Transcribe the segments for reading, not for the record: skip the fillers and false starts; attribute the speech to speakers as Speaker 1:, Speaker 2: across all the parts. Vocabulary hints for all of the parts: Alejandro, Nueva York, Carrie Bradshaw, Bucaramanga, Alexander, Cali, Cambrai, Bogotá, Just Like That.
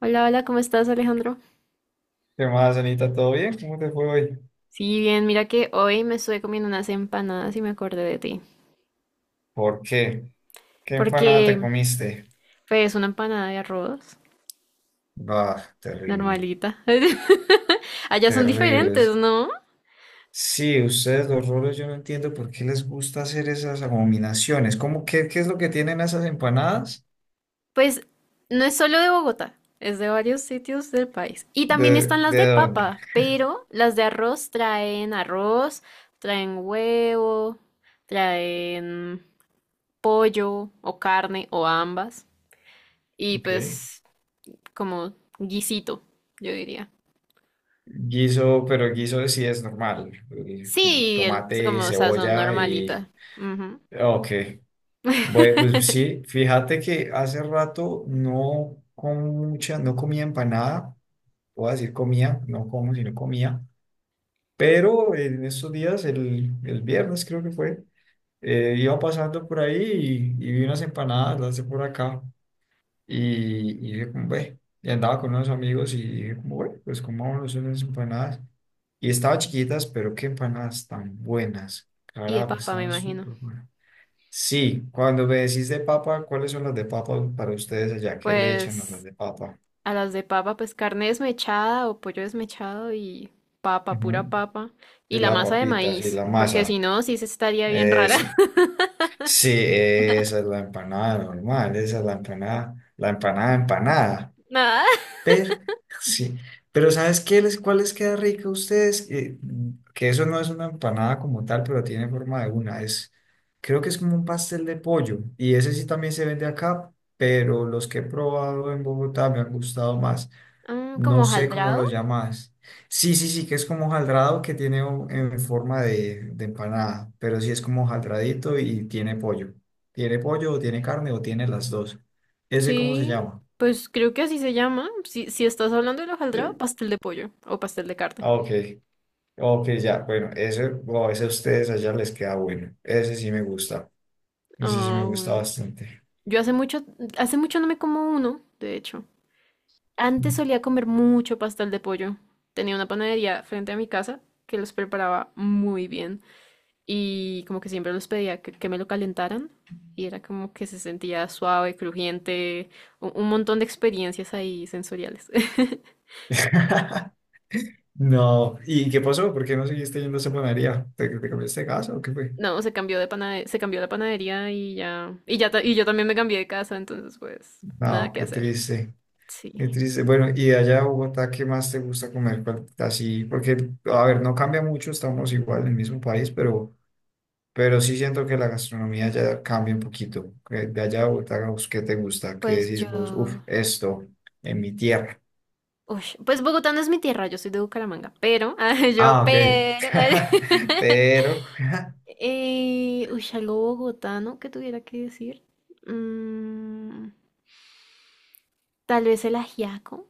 Speaker 1: Hola, hola, ¿cómo estás, Alejandro?
Speaker 2: ¿Qué más, Anita? ¿Todo bien? ¿Cómo te fue hoy?
Speaker 1: Sí, bien, mira que hoy me estuve comiendo unas empanadas y me acordé de ti.
Speaker 2: ¿Por qué? ¿Qué empanada
Speaker 1: Porque,
Speaker 2: te comiste?
Speaker 1: pues, una empanada de arroz,
Speaker 2: Bah, terrible,
Speaker 1: normalita. Allá son
Speaker 2: terrible.
Speaker 1: diferentes, ¿no?
Speaker 2: Sí, ustedes los rolos, yo no entiendo por qué les gusta hacer esas abominaciones. ¿Cómo qué es lo que tienen esas empanadas?
Speaker 1: Pues, no es solo de Bogotá, es de varios sitios del país. Y también
Speaker 2: ¿De,
Speaker 1: están las
Speaker 2: de
Speaker 1: de
Speaker 2: dónde?
Speaker 1: papa, pero las de arroz, traen huevo, traen pollo o carne o ambas. Y
Speaker 2: Ok.
Speaker 1: pues, como guisito, yo diría.
Speaker 2: Guiso, pero guiso sí es normal.
Speaker 1: Sí, el,
Speaker 2: Tomate,
Speaker 1: como, o sea, son
Speaker 2: cebolla
Speaker 1: normalitas.
Speaker 2: y...
Speaker 1: Ujú.
Speaker 2: Ok. Bueno, pues sí, fíjate que hace rato no, con mucha, no comía empanada. Voy a decir comía, no como, sino comía. Pero en estos días, el viernes creo que fue, iba pasando por ahí y vi unas empanadas, las de por acá, y dije como, ve, y andaba con unos amigos y dije como, bueno, pues comámonos unas empanadas. Y estaban chiquitas, pero qué empanadas tan buenas.
Speaker 1: Y de
Speaker 2: Carajo,
Speaker 1: papa, me
Speaker 2: estaban
Speaker 1: imagino.
Speaker 2: súper buenas. Sí, cuando me decís de papa, ¿cuáles son las de papa para ustedes allá? ¿Qué le echan a las
Speaker 1: Pues
Speaker 2: de papa?
Speaker 1: a las de papa, pues carne desmechada o pollo desmechado y papa,
Speaker 2: Ujú.
Speaker 1: pura papa. Y
Speaker 2: Y
Speaker 1: la
Speaker 2: la
Speaker 1: masa de
Speaker 2: papita, sí,
Speaker 1: maíz,
Speaker 2: la
Speaker 1: porque si
Speaker 2: masa.
Speaker 1: no, sí se estaría bien rara.
Speaker 2: Esa. Sí, esa es la empanada normal, esa es la empanada empanada.
Speaker 1: Nada.
Speaker 2: Pero, sí, pero ¿sabes qué les, cuál les queda rica a ustedes? Que eso no es una empanada como tal, pero tiene forma de una. Es, creo que es como un pastel de pollo. Y ese sí también se vende acá, pero los que he probado en Bogotá me han gustado más.
Speaker 1: Mm, ¿como
Speaker 2: No sé cómo lo
Speaker 1: hojaldrado?
Speaker 2: llamas. Sí, sí, sí, que es como hojaldrado que tiene un- en forma de empanada, pero sí es como hojaldradito y tiene pollo. Tiene pollo o tiene carne o tiene las dos. ¿Ese cómo se
Speaker 1: Sí,
Speaker 2: llama?
Speaker 1: pues creo que así se llama. Si, si estás hablando del hojaldrado, pastel de pollo o pastel de carne.
Speaker 2: Ah, ok, ok, ya, bueno, ese, wow, ese a ustedes allá les queda bueno. Ese sí me gusta. Ese sí me
Speaker 1: Ah,
Speaker 2: gusta
Speaker 1: bueno.
Speaker 2: bastante.
Speaker 1: Yo hace mucho no me como uno, de hecho. Antes solía comer mucho pastel de pollo. Tenía una panadería frente a mi casa que los preparaba muy bien y como que siempre los pedía que me lo calentaran y era como que se sentía suave, crujiente, un montón de experiencias ahí sensoriales.
Speaker 2: No, ¿y qué pasó? ¿Por qué no seguiste yendo a esa panadería? ¿Te, te cambiaste de casa o qué fue?
Speaker 1: No, se cambió de panade- se cambió la panadería y ya ta- y yo también me cambié de casa, entonces pues nada
Speaker 2: No,
Speaker 1: que
Speaker 2: qué
Speaker 1: hacer.
Speaker 2: triste. Qué
Speaker 1: Sí.
Speaker 2: triste. Bueno, y de allá a Bogotá, ¿qué más te gusta comer? ¿Cuál- así, porque, a ver, no cambia mucho, estamos igual en el mismo país, pero sí siento que la gastronomía ya cambia un poquito. Que de allá a Bogotá, ¿vos qué te gusta? ¿Qué
Speaker 1: Pues
Speaker 2: decís vos? Uf,
Speaker 1: yo
Speaker 2: esto, en mi tierra.
Speaker 1: uy, pues Bogotá no es mi tierra, yo soy de Bucaramanga, pero ah, yo
Speaker 2: Ah, ok.
Speaker 1: pero
Speaker 2: Pero,
Speaker 1: Uy, algo bogotano que tuviera que decir. Mm, tal vez el ajiaco.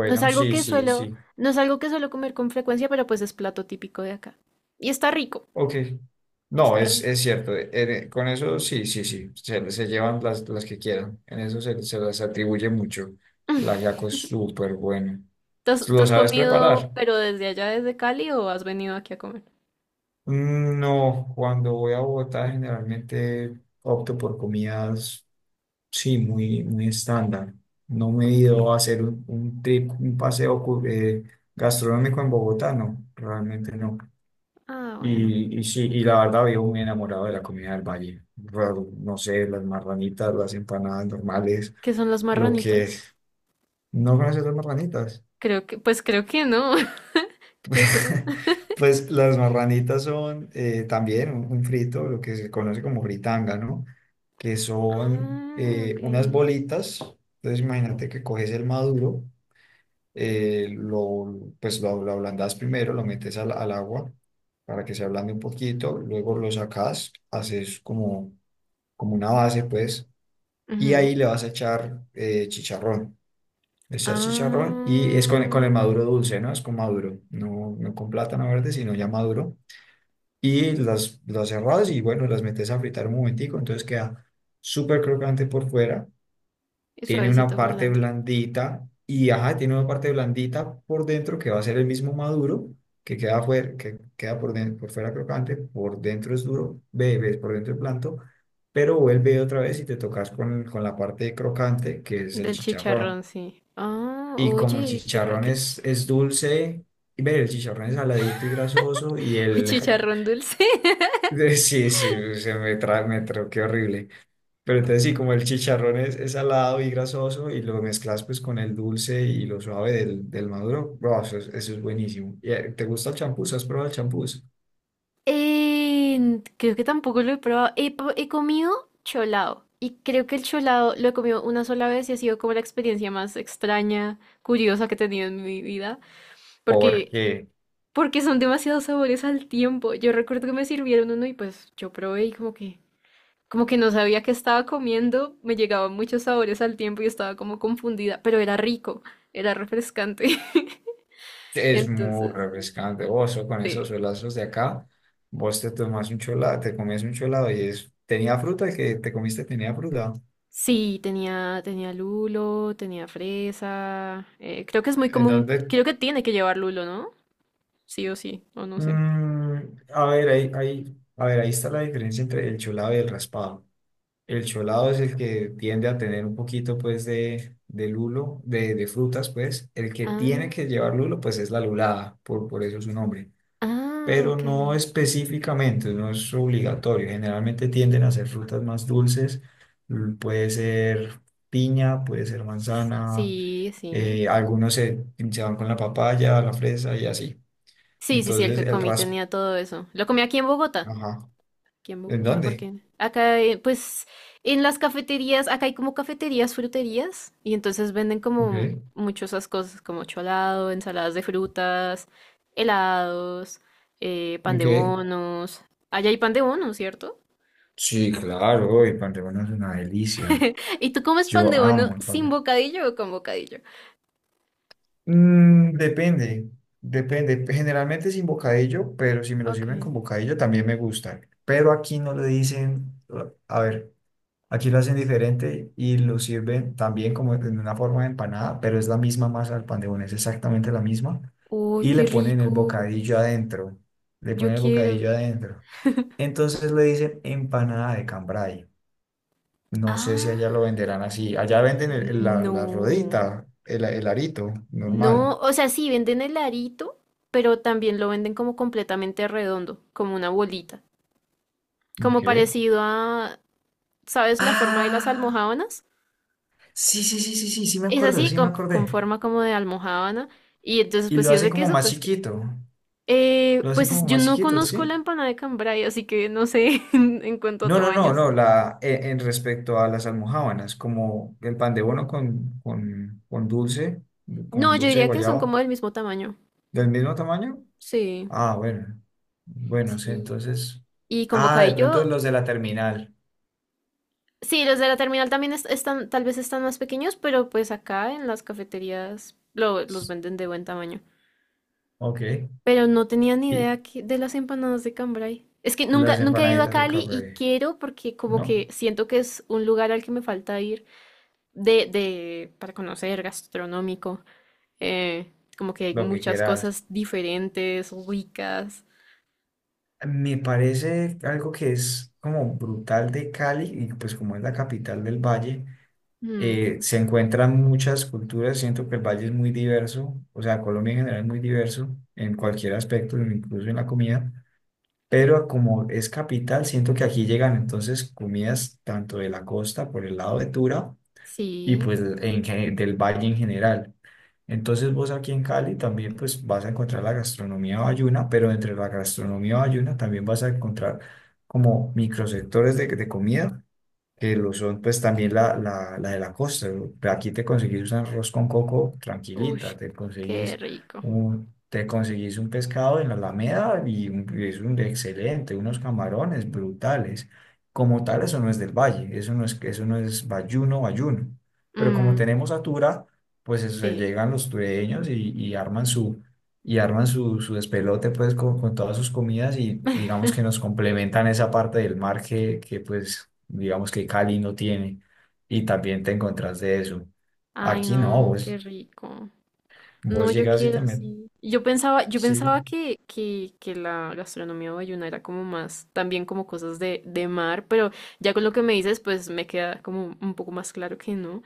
Speaker 1: No es algo
Speaker 2: sí,
Speaker 1: que
Speaker 2: sí,
Speaker 1: suelo,
Speaker 2: sí.
Speaker 1: no es algo que suelo comer con frecuencia, pero pues es plato típico de acá. Y está rico,
Speaker 2: Ok. No,
Speaker 1: está rico.
Speaker 2: es cierto. Con eso, sí, sí, sí. Se llevan las que quieran. En eso se, se las atribuye mucho. El ajiaco es súper bueno.
Speaker 1: Tú
Speaker 2: ¿Lo
Speaker 1: has
Speaker 2: sabes preparar?
Speaker 1: comido, pero desde allá, desde Cali, o has venido aquí a comer?
Speaker 2: Mm, no, cuando voy a Bogotá generalmente opto por comidas, sí, muy, muy estándar. No me he
Speaker 1: Ok.
Speaker 2: ido a hacer un trip, un paseo cu- gastronómico en Bogotá, no, realmente no.
Speaker 1: Ah, bueno.
Speaker 2: Y sí, y la verdad vivo muy enamorado de la comida del valle. Raro, no sé, las marranitas, las empanadas normales,
Speaker 1: ¿Qué son las
Speaker 2: lo que...
Speaker 1: marranitas?
Speaker 2: ¿No conoces las marranitas?
Speaker 1: Creo que, pues creo que no. ¿Qué son?
Speaker 2: Pues las marranitas son también un frito, lo que se conoce como fritanga, ¿no? Que son
Speaker 1: Ah, ok.
Speaker 2: unas bolitas. Entonces imagínate que coges el maduro, lo, pues lo ablandas primero, lo metes al agua para que se ablande un poquito, luego lo sacas, haces como, como una base, pues, y
Speaker 1: Ujú.
Speaker 2: ahí le vas a echar chicharrón. Le echas chicharrón y es con el
Speaker 1: Ah.
Speaker 2: maduro dulce, ¿no? Es con maduro, no, no con plátano verde, sino ya maduro y las cerrás y bueno, las metes a fritar un momentico, entonces queda súper crocante por fuera,
Speaker 1: Y
Speaker 2: tiene una
Speaker 1: suavecito por
Speaker 2: parte
Speaker 1: dentro.
Speaker 2: blandita y ajá, tiene una parte blandita por dentro que va a ser el mismo maduro, que queda, fuera, que queda por, den- por fuera crocante, por dentro es duro, bebes por dentro es blando, pero vuelve otra vez y te tocas con la parte crocante que es el
Speaker 1: Del
Speaker 2: chicharrón.
Speaker 1: chicharrón, sí. Ah,
Speaker 2: Y como el
Speaker 1: oye, qué ra...
Speaker 2: chicharrón
Speaker 1: qué-
Speaker 2: es dulce, y ve, el chicharrón es saladito y grasoso y
Speaker 1: Uy,
Speaker 2: el,
Speaker 1: chicharrón dulce.
Speaker 2: De- sí, sí, se me, tra me troqué horrible. Pero entonces sí, como el chicharrón es salado y grasoso y lo mezclas pues con el dulce y lo suave del maduro, bro, eso es buenísimo. ¿Y, ¿te gusta el champús? ¿Has probado el champús?
Speaker 1: Eh, creo que tampoco lo he probado. He, po- he comido cholado. Y creo que el cholado lo he comido una sola vez y ha sido como la experiencia más extraña, curiosa que he tenido en mi vida. Porque,
Speaker 2: Porque
Speaker 1: porque son demasiados sabores al tiempo. Yo recuerdo que me sirvieron uno y pues yo probé y como que... Como que no sabía qué estaba comiendo, me llegaban muchos sabores al tiempo y estaba como confundida, pero era rico, era refrescante.
Speaker 2: es muy
Speaker 1: Entonces,
Speaker 2: refrescante. Vos con esos
Speaker 1: sí.
Speaker 2: solazos de acá, vos te tomas un cholado, te comes un cholado y es, tenía fruta, el que te comiste tenía fruta.
Speaker 1: Sí, tenía, tenía lulo, tenía fresa. Creo que es muy común,
Speaker 2: Entonces,
Speaker 1: creo que tiene que llevar lulo, ¿no? Sí o sí, o no sé.
Speaker 2: mm, a ver, ahí, ahí, a ver, ahí está la diferencia entre el cholado y el raspado. El cholado es el que tiende a tener un poquito, pues, de lulo, de frutas, pues. El que tiene
Speaker 1: Ah,
Speaker 2: que llevar lulo, pues, es la lulada, por eso su nombre.
Speaker 1: ah,
Speaker 2: Pero
Speaker 1: ok.
Speaker 2: no específicamente, no es obligatorio. Generalmente tienden a ser frutas más dulces. L- puede ser piña, puede ser manzana.
Speaker 1: Sí, sí.
Speaker 2: Algunos se van con la papaya, la fresa y así.
Speaker 1: Sí, sí, sí, el
Speaker 2: Entonces,
Speaker 1: que
Speaker 2: el
Speaker 1: comí
Speaker 2: ras...
Speaker 1: tenía todo eso. Lo comí aquí en Bogotá.
Speaker 2: Ajá.
Speaker 1: Aquí en
Speaker 2: ¿En
Speaker 1: Bogotá,
Speaker 2: dónde?
Speaker 1: porque acá, pues, en las cafeterías, acá hay como cafeterías, fruterías, y entonces venden como
Speaker 2: Ok.
Speaker 1: muchas esas cosas, como cholado, ensaladas de frutas, helados, pan de
Speaker 2: Ok.
Speaker 1: bonos. Allá hay pan de bono, ¿cierto?
Speaker 2: Sí, claro, el Panteón es una delicia.
Speaker 1: ¿Y tú comes pan
Speaker 2: Yo
Speaker 1: de bono
Speaker 2: amo el
Speaker 1: sin
Speaker 2: pabellón.
Speaker 1: bocadillo o con bocadillo?
Speaker 2: Mm, depende, depende. Generalmente sin bocadillo, pero si me lo
Speaker 1: Ok.
Speaker 2: sirven con bocadillo también me gusta. Pero aquí no le dicen, a ver, aquí lo hacen diferente y lo sirven también como en una forma de empanada, pero es la misma masa del pan de bono, es exactamente la misma.
Speaker 1: Uy,
Speaker 2: Y
Speaker 1: qué
Speaker 2: le ponen el
Speaker 1: rico.
Speaker 2: bocadillo adentro, le
Speaker 1: Yo
Speaker 2: ponen el
Speaker 1: quiero.
Speaker 2: bocadillo adentro. Entonces le dicen empanada de cambray. No sé si
Speaker 1: Ah,
Speaker 2: allá lo venderán así. Allá venden el- la
Speaker 1: no.
Speaker 2: rodita, el arito
Speaker 1: No,
Speaker 2: normal.
Speaker 1: o sea, sí venden el arito, pero también lo venden como completamente redondo, como una bolita, como
Speaker 2: Ok.
Speaker 1: parecido a, ¿sabes la forma de las
Speaker 2: Ah,
Speaker 1: almojábanas?
Speaker 2: sí, sí, sí, sí, sí, sí me
Speaker 1: Es
Speaker 2: acuerdo,
Speaker 1: así,
Speaker 2: sí me
Speaker 1: con
Speaker 2: acordé.
Speaker 1: forma como de almojábana, y entonces
Speaker 2: Y
Speaker 1: pues
Speaker 2: lo
Speaker 1: si es
Speaker 2: hacen
Speaker 1: de
Speaker 2: como
Speaker 1: queso,
Speaker 2: más
Speaker 1: pues queso.
Speaker 2: chiquito. Lo hacen
Speaker 1: Pues es-
Speaker 2: como
Speaker 1: yo
Speaker 2: más
Speaker 1: no
Speaker 2: chiquito,
Speaker 1: conozco
Speaker 2: ¿sí?
Speaker 1: la empanada de cambray, así que no sé en cuanto a
Speaker 2: No, no, no,
Speaker 1: tamaños.
Speaker 2: no. La, en respecto a las almojábanas, como el pan de bono
Speaker 1: No,
Speaker 2: con
Speaker 1: yo
Speaker 2: dulce de
Speaker 1: diría que son
Speaker 2: guayaba,
Speaker 1: como del mismo tamaño.
Speaker 2: del mismo tamaño.
Speaker 1: Sí,
Speaker 2: Ah, bueno. Bueno, sí,
Speaker 1: sí.
Speaker 2: entonces.
Speaker 1: Y con
Speaker 2: Ah, de pronto
Speaker 1: bocadillo
Speaker 2: los de la terminal.
Speaker 1: sí, los de la terminal también est- están, tal vez están más pequeños, pero pues acá en las cafeterías lo- los venden de buen tamaño.
Speaker 2: Ok.
Speaker 1: Pero no tenía ni
Speaker 2: Y
Speaker 1: idea que- de las empanadas de Cambrai. Es que nunca,
Speaker 2: las
Speaker 1: nunca he ido a
Speaker 2: empanaditas de
Speaker 1: Cali y
Speaker 2: Cabre,
Speaker 1: quiero porque como que
Speaker 2: ¿no?
Speaker 1: siento que es un lugar al que me falta ir de, para conocer, gastronómico. Como que hay
Speaker 2: Lo que
Speaker 1: muchas
Speaker 2: quieras.
Speaker 1: cosas diferentes, ricas.
Speaker 2: Me parece algo que es como brutal de Cali, y pues como es la capital del Valle,
Speaker 1: Mm,
Speaker 2: se encuentran muchas culturas. Siento que el Valle es muy diverso, o sea, Colombia en general es muy diverso en cualquier aspecto, incluso en la comida. Pero como es capital, siento que aquí llegan entonces comidas tanto de la costa por el lado de Tura y
Speaker 1: sí.
Speaker 2: pues en, gen- del Valle en general. Entonces vos aquí en Cali también pues vas a encontrar la gastronomía bayuna, pero entre la gastronomía bayuna también vas a encontrar como microsectores de comida que lo son pues también la de la costa. Aquí te conseguís un arroz con coco
Speaker 1: Uy,
Speaker 2: tranquilita,
Speaker 1: qué rico.
Speaker 2: te conseguís un pescado en la Alameda y un- y es un excelente, unos camarones brutales. Como tal, eso no es del valle, eso no es bayuno, bayuno. Pero como
Speaker 1: Mm,
Speaker 2: tenemos atura, pues eso,
Speaker 1: sí.
Speaker 2: llegan los tureños y arman su y arman su, su despelote pues con todas sus comidas y digamos que nos complementan esa parte del mar que pues digamos que Cali no tiene y también te encontrás de eso.
Speaker 1: Ay,
Speaker 2: Aquí no,
Speaker 1: no, qué
Speaker 2: vos,
Speaker 1: rico. No,
Speaker 2: vos
Speaker 1: yo
Speaker 2: llegas y te
Speaker 1: quiero,
Speaker 2: metes,
Speaker 1: sí. Yo
Speaker 2: sí,
Speaker 1: pensaba que la gastronomía bayuna era como más, también como cosas de mar, pero ya con lo que me dices, pues me queda como un poco más claro que no.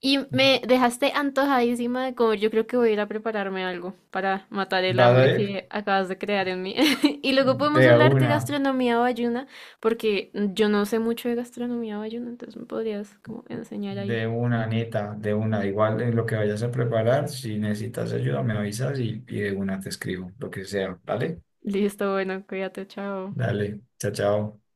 Speaker 1: Y me dejaste antojadísima de comer. Yo creo que voy a ir a prepararme algo para matar el
Speaker 2: vas
Speaker 1: hambre que acabas de crear en mí. Y luego podemos
Speaker 2: de
Speaker 1: hablar de
Speaker 2: una,
Speaker 1: gastronomía bayuna, porque yo no sé mucho de gastronomía bayuna, entonces me podrías como enseñar ahí.
Speaker 2: de una neta, de una, igual en lo que vayas a preparar, si necesitas ayuda me avisas y de una te escribo, lo que sea, ¿vale?
Speaker 1: Listo, bueno, cuídate, chao.
Speaker 2: Dale, chao, chao.